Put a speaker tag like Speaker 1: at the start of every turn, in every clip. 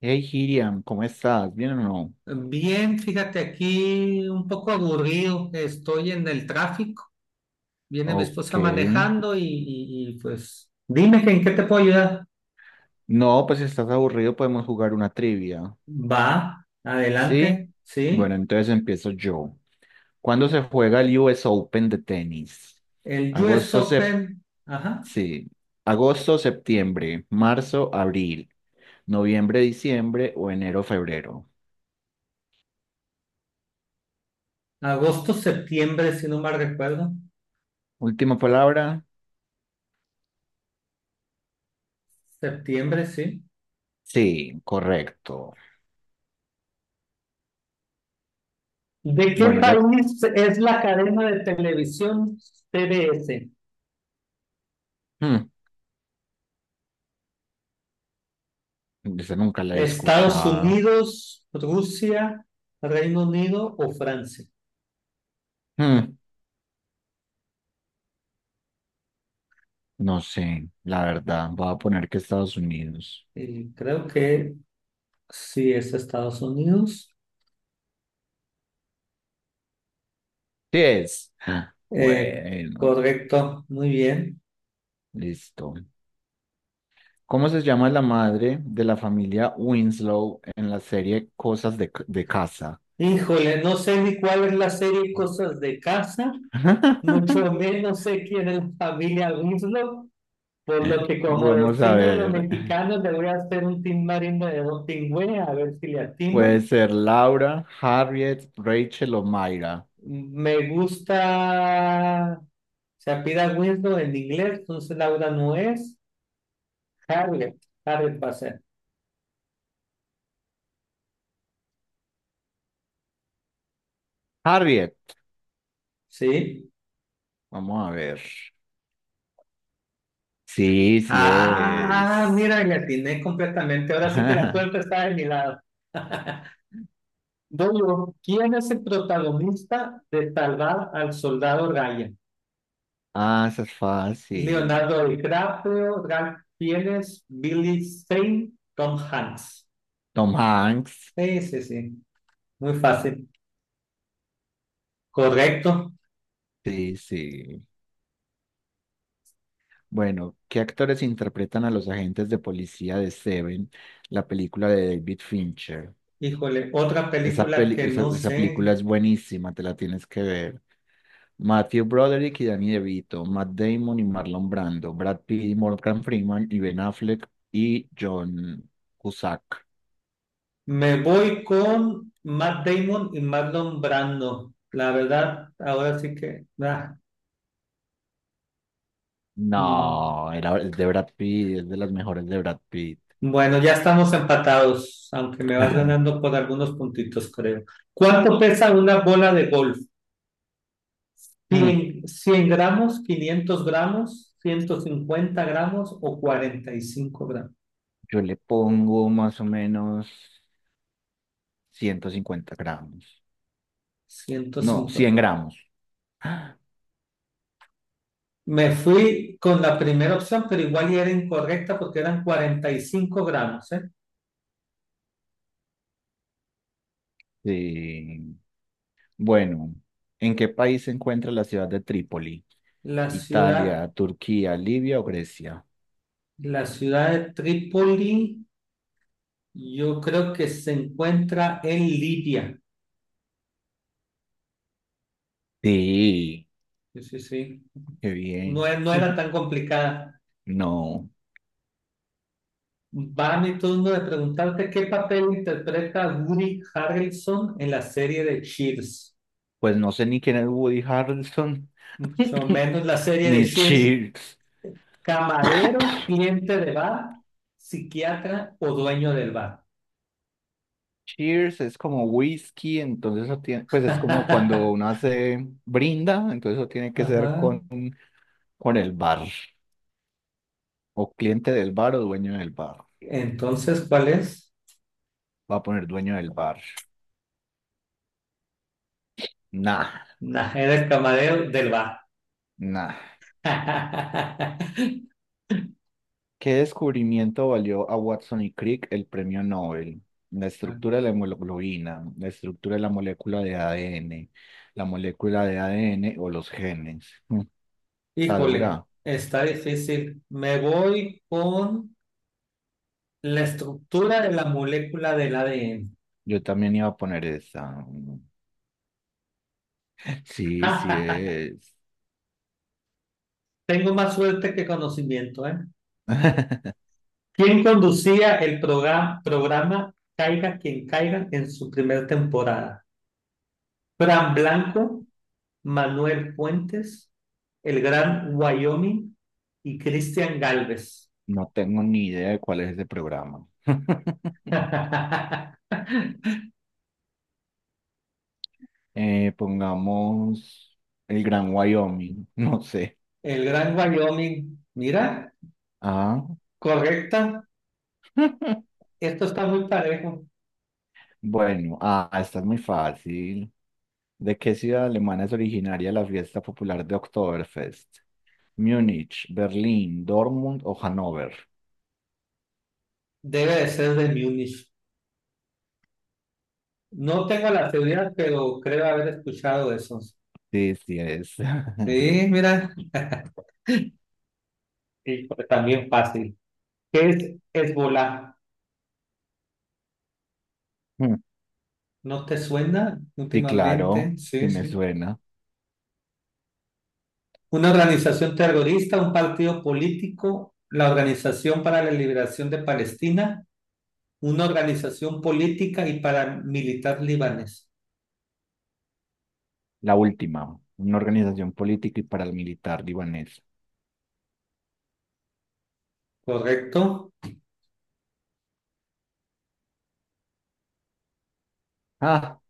Speaker 1: Hey, Hiriam, ¿cómo estás? ¿Bien o no?
Speaker 2: Bien, fíjate aquí un poco aburrido, estoy en el tráfico, viene mi
Speaker 1: Ok.
Speaker 2: esposa manejando pues dime que en qué te puedo ayudar.
Speaker 1: No, pues si estás aburrido podemos jugar una trivia.
Speaker 2: Va, adelante,
Speaker 1: ¿Sí? Bueno,
Speaker 2: sí.
Speaker 1: entonces empiezo yo. ¿Cuándo se juega el US Open de tenis?
Speaker 2: El US
Speaker 1: Agosto,
Speaker 2: Open, ajá,
Speaker 1: sí. Agosto, septiembre, marzo, abril, noviembre, diciembre o enero, febrero.
Speaker 2: agosto, septiembre, si no mal recuerdo,
Speaker 1: Última palabra.
Speaker 2: septiembre, sí.
Speaker 1: Sí, correcto.
Speaker 2: ¿De qué
Speaker 1: Bueno, ya...
Speaker 2: país es la cadena de televisión TBS?
Speaker 1: Hmm, esa nunca la he
Speaker 2: ¿Estados
Speaker 1: escuchado.
Speaker 2: Unidos, Rusia, Reino Unido o Francia?
Speaker 1: Hmm. No sé, la verdad, voy a poner que Estados Unidos.
Speaker 2: Y creo que sí, es Estados Unidos.
Speaker 1: Sí es. Ah,
Speaker 2: Eh,
Speaker 1: bueno,
Speaker 2: Correcto, muy bien.
Speaker 1: listo. ¿Cómo se llama la madre de la familia Winslow en la serie Cosas de Casa?
Speaker 2: Híjole, no sé ni cuál es la serie Cosas de Casa, mucho menos sé quién es la familia Winslow, por lo que como
Speaker 1: Vamos a
Speaker 2: decimos los
Speaker 1: ver.
Speaker 2: mexicanos, le voy a hacer un timbarino de un pingüe, a ver si le atino.
Speaker 1: Puede ser Laura, Harriet, Rachel o Mayra.
Speaker 2: Me gusta se apida Winslow en inglés, entonces Laura no es. Harriet, Harriet va a ser.
Speaker 1: Harriet,
Speaker 2: Sí.
Speaker 1: vamos a ver. Sí, sí
Speaker 2: Ah,
Speaker 1: es.
Speaker 2: mira, le atiné completamente. Ahora sí que la suerte está de mi lado. Dolo, ¿quién es el protagonista de Salvar al Soldado Ryan?
Speaker 1: Ah, esa es fácil.
Speaker 2: Leonardo DiCaprio, Ralph Fiennes, Billy Zane, Tom Hanks.
Speaker 1: Tom Hanks.
Speaker 2: Sí, sí, sí. Muy fácil. Correcto.
Speaker 1: Sí, sí. Bueno, ¿qué actores interpretan a los agentes de policía de Seven, la película de David Fincher?
Speaker 2: Híjole, otra película que no
Speaker 1: Esa
Speaker 2: sé.
Speaker 1: película es buenísima, te la tienes que ver. Matthew Broderick y Danny DeVito, Matt Damon y Marlon Brando, Brad Pitt y Morgan Freeman y Ben Affleck y John Cusack.
Speaker 2: Me voy con Matt Damon y Marlon Brando. La verdad, ahora sí que, ah, no.
Speaker 1: No, es de Brad Pitt, es de las mejores de Brad Pitt.
Speaker 2: Bueno, ya estamos empatados, aunque me vas ganando por algunos puntitos, creo. ¿Cuánto pesa una bola de golf?
Speaker 1: Mm,
Speaker 2: ¿100, 100 gramos, 500 gramos, 150 gramos o 45 gramos?
Speaker 1: yo le pongo más o menos 150 gramos. No,
Speaker 2: 150.
Speaker 1: 100 gramos.
Speaker 2: Me fui con la primera opción, pero igual y era incorrecta porque eran 45 gramos, ¿eh?
Speaker 1: Sí. Bueno, ¿en qué país se encuentra la ciudad de Trípoli?
Speaker 2: La ciudad,
Speaker 1: ¿Italia, Turquía, Libia o Grecia?
Speaker 2: la ciudad de Trípoli, yo creo que se encuentra en Libia.
Speaker 1: Sí,
Speaker 2: Sí, sí, sí.
Speaker 1: qué bien.
Speaker 2: No era tan complicada.
Speaker 1: No,
Speaker 2: Va mi turno de preguntarte qué papel interpreta Woody Harrelson en la serie de Cheers.
Speaker 1: pues no sé ni quién es Woody Harrelson,
Speaker 2: Mucho menos la serie de
Speaker 1: ni
Speaker 2: Cheers.
Speaker 1: Cheers.
Speaker 2: Camarero, cliente de bar, psiquiatra o dueño del bar.
Speaker 1: Cheers es como whisky, entonces eso tiene, pues es como cuando
Speaker 2: Ajá.
Speaker 1: uno hace brinda, entonces eso tiene que ser con el bar, o cliente del bar o dueño del bar.
Speaker 2: Entonces, ¿cuál es?
Speaker 1: Va a poner dueño del bar. Nah,
Speaker 2: Nah, era el camarero del bar.
Speaker 1: nah. ¿Qué descubrimiento valió a Watson y Crick el premio Nobel? La estructura de la hemoglobina, la estructura de la molécula de ADN, la molécula de ADN o los genes. Mm. Está
Speaker 2: Híjole,
Speaker 1: dura.
Speaker 2: está difícil. Me voy con la estructura de la molécula del ADN.
Speaker 1: Yo también iba a poner esa. Mm. Sí, sí es.
Speaker 2: Tengo más suerte que conocimiento, ¿eh? ¿Quién conducía el programa Caiga quien caiga en su primera temporada? Fran Blanco, Manuel Fuentes, el gran Wyoming y Cristian Galvez.
Speaker 1: No tengo ni idea de cuál es ese programa. Pongamos el Gran Wyoming, no sé.
Speaker 2: El gran Wyoming, mira,
Speaker 1: Ah,
Speaker 2: correcta. Esto está muy parejo.
Speaker 1: bueno, ah, esta es muy fácil. ¿De qué ciudad alemana es originaria la fiesta popular de Oktoberfest? ¿Múnich, Berlín, Dortmund o Hannover?
Speaker 2: Debe de ser de Múnich. No tengo la seguridad, pero creo haber escuchado eso.
Speaker 1: Sí, sí es.
Speaker 2: Sí, mira, y también fácil. ¿Qué es Hezbolá?
Speaker 1: Mm.
Speaker 2: ¿No te suena
Speaker 1: Sí, claro,
Speaker 2: últimamente?
Speaker 1: sí
Speaker 2: Sí,
Speaker 1: me
Speaker 2: sí.
Speaker 1: suena.
Speaker 2: Una organización terrorista, un partido político, la Organización para la Liberación de Palestina, una organización política y paramilitar libanés.
Speaker 1: La última, una organización política y paramilitar libanesa.
Speaker 2: ¿Correcto?
Speaker 1: Ah,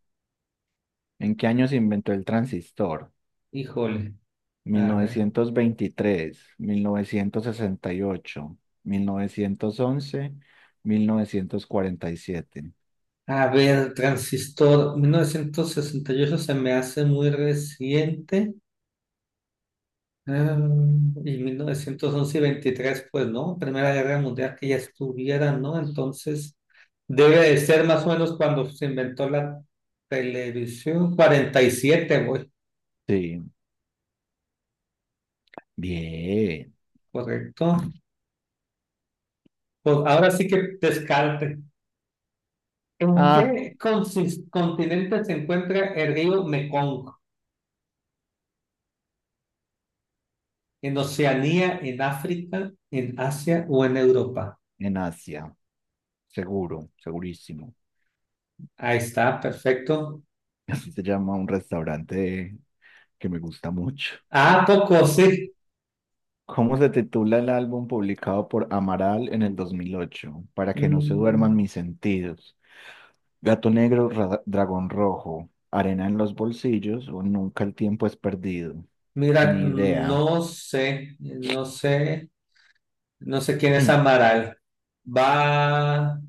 Speaker 1: ¿en qué año se inventó el transistor?
Speaker 2: Híjole.
Speaker 1: Mil mil mil mil
Speaker 2: A ver.
Speaker 1: novecientos novecientos novecientos veintitrés, 68, 1911, 1947.
Speaker 2: A ver, transistor, 1968 se me hace muy reciente. Ah, y 1911 y 23, pues, ¿no? Primera Guerra Mundial que ya estuviera, ¿no? Entonces, debe de ser más o menos cuando se inventó la televisión, 47, güey,
Speaker 1: Sí, bien.
Speaker 2: correcto. Pues ahora sí que descarte. ¿En
Speaker 1: Ah,
Speaker 2: qué continente se encuentra el río Mekong? ¿En Oceanía, en África, en Asia o en Europa?
Speaker 1: en Asia. Seguro, segurísimo.
Speaker 2: Ahí está, perfecto.
Speaker 1: Así se llama un restaurante que me gusta mucho.
Speaker 2: Ah, poco, sí.
Speaker 1: ¿Cómo se titula el álbum publicado por Amaral en el 2008? Para que no se
Speaker 2: Mm,
Speaker 1: duerman mis sentidos. Gato negro, dragón rojo, arena en los bolsillos o nunca el tiempo es perdido.
Speaker 2: Mira,
Speaker 1: Ni idea.
Speaker 2: no sé quién es
Speaker 1: Hmm.
Speaker 2: Amaral. Va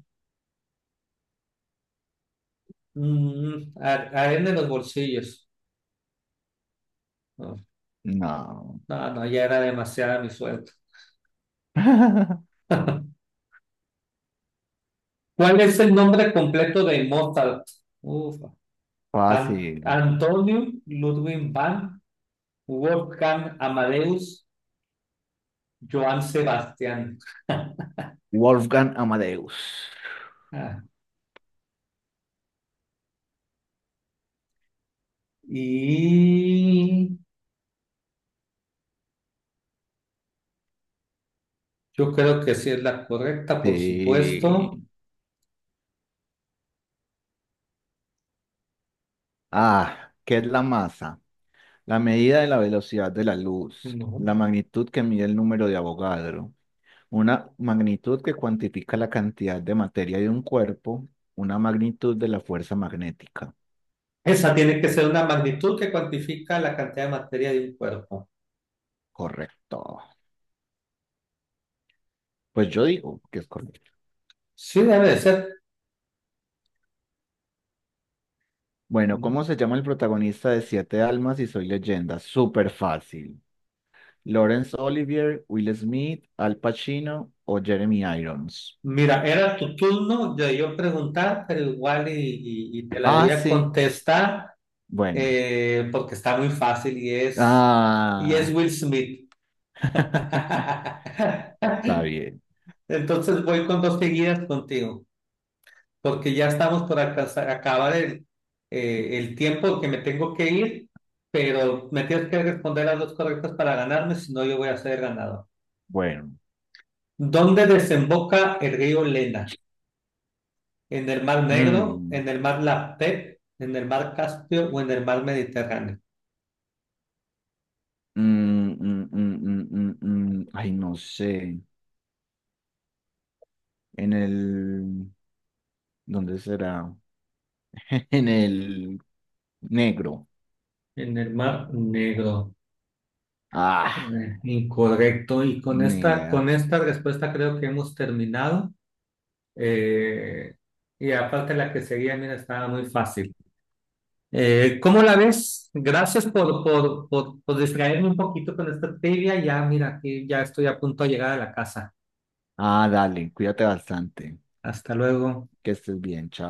Speaker 2: arena en los bolsillos. No,
Speaker 1: No.
Speaker 2: no, ya era demasiada mi suerte. ¿Cuál es el nombre completo de Mozart? Uf.
Speaker 1: Fácil.
Speaker 2: Antonio Ludwig van Wolfgang Amadeus Johann Sebastián.
Speaker 1: Wolfgang Amadeus.
Speaker 2: Ah, y yo creo que sí es la correcta, por
Speaker 1: Sí.
Speaker 2: supuesto.
Speaker 1: Ah, ¿qué es la masa? La medida de la velocidad de la luz,
Speaker 2: No.
Speaker 1: la magnitud que mide el número de Avogadro, una magnitud que cuantifica la cantidad de materia de un cuerpo, una magnitud de la fuerza magnética.
Speaker 2: Esa tiene que ser una magnitud que cuantifica la cantidad de materia de un cuerpo.
Speaker 1: Correcto. Pues yo digo que es correcto.
Speaker 2: Sí, debe de ser.
Speaker 1: Bueno, ¿cómo se llama el protagonista de Siete Almas y Soy Leyenda? Súper fácil. Laurence Olivier, Will Smith, Al Pacino o Jeremy Irons.
Speaker 2: Mira, era tu turno de yo preguntar, pero igual y te la voy
Speaker 1: Ah,
Speaker 2: a
Speaker 1: sí.
Speaker 2: contestar
Speaker 1: Bueno.
Speaker 2: porque está muy fácil y es
Speaker 1: Ah.
Speaker 2: Will Smith.
Speaker 1: Está bien.
Speaker 2: Entonces voy con dos seguidas contigo, porque ya estamos por acabar el tiempo que me tengo que ir, pero me tienes que responder las dos correctas para ganarme, si no yo voy a ser ganador.
Speaker 1: Bueno.
Speaker 2: ¿Dónde desemboca el río Lena? ¿En el Mar Negro,
Speaker 1: Mm,
Speaker 2: en el Mar Laptev, en el Mar Caspio o en el Mar Mediterráneo?
Speaker 1: mm. Ay, no sé. En el... ¿Dónde será? En el negro.
Speaker 2: En el Mar Negro.
Speaker 1: Ah,
Speaker 2: Incorrecto.
Speaker 1: ni idea.
Speaker 2: Con esta respuesta creo que hemos terminado. Eh, y aparte la que seguía, mira, estaba muy fácil. ¿Cómo la ves? Gracias por distraerme un poquito con esta trivia. Ya, mira, aquí ya estoy a punto de llegar a la casa.
Speaker 1: Ah, dale, cuídate bastante.
Speaker 2: Hasta luego.
Speaker 1: Que estés bien, chao.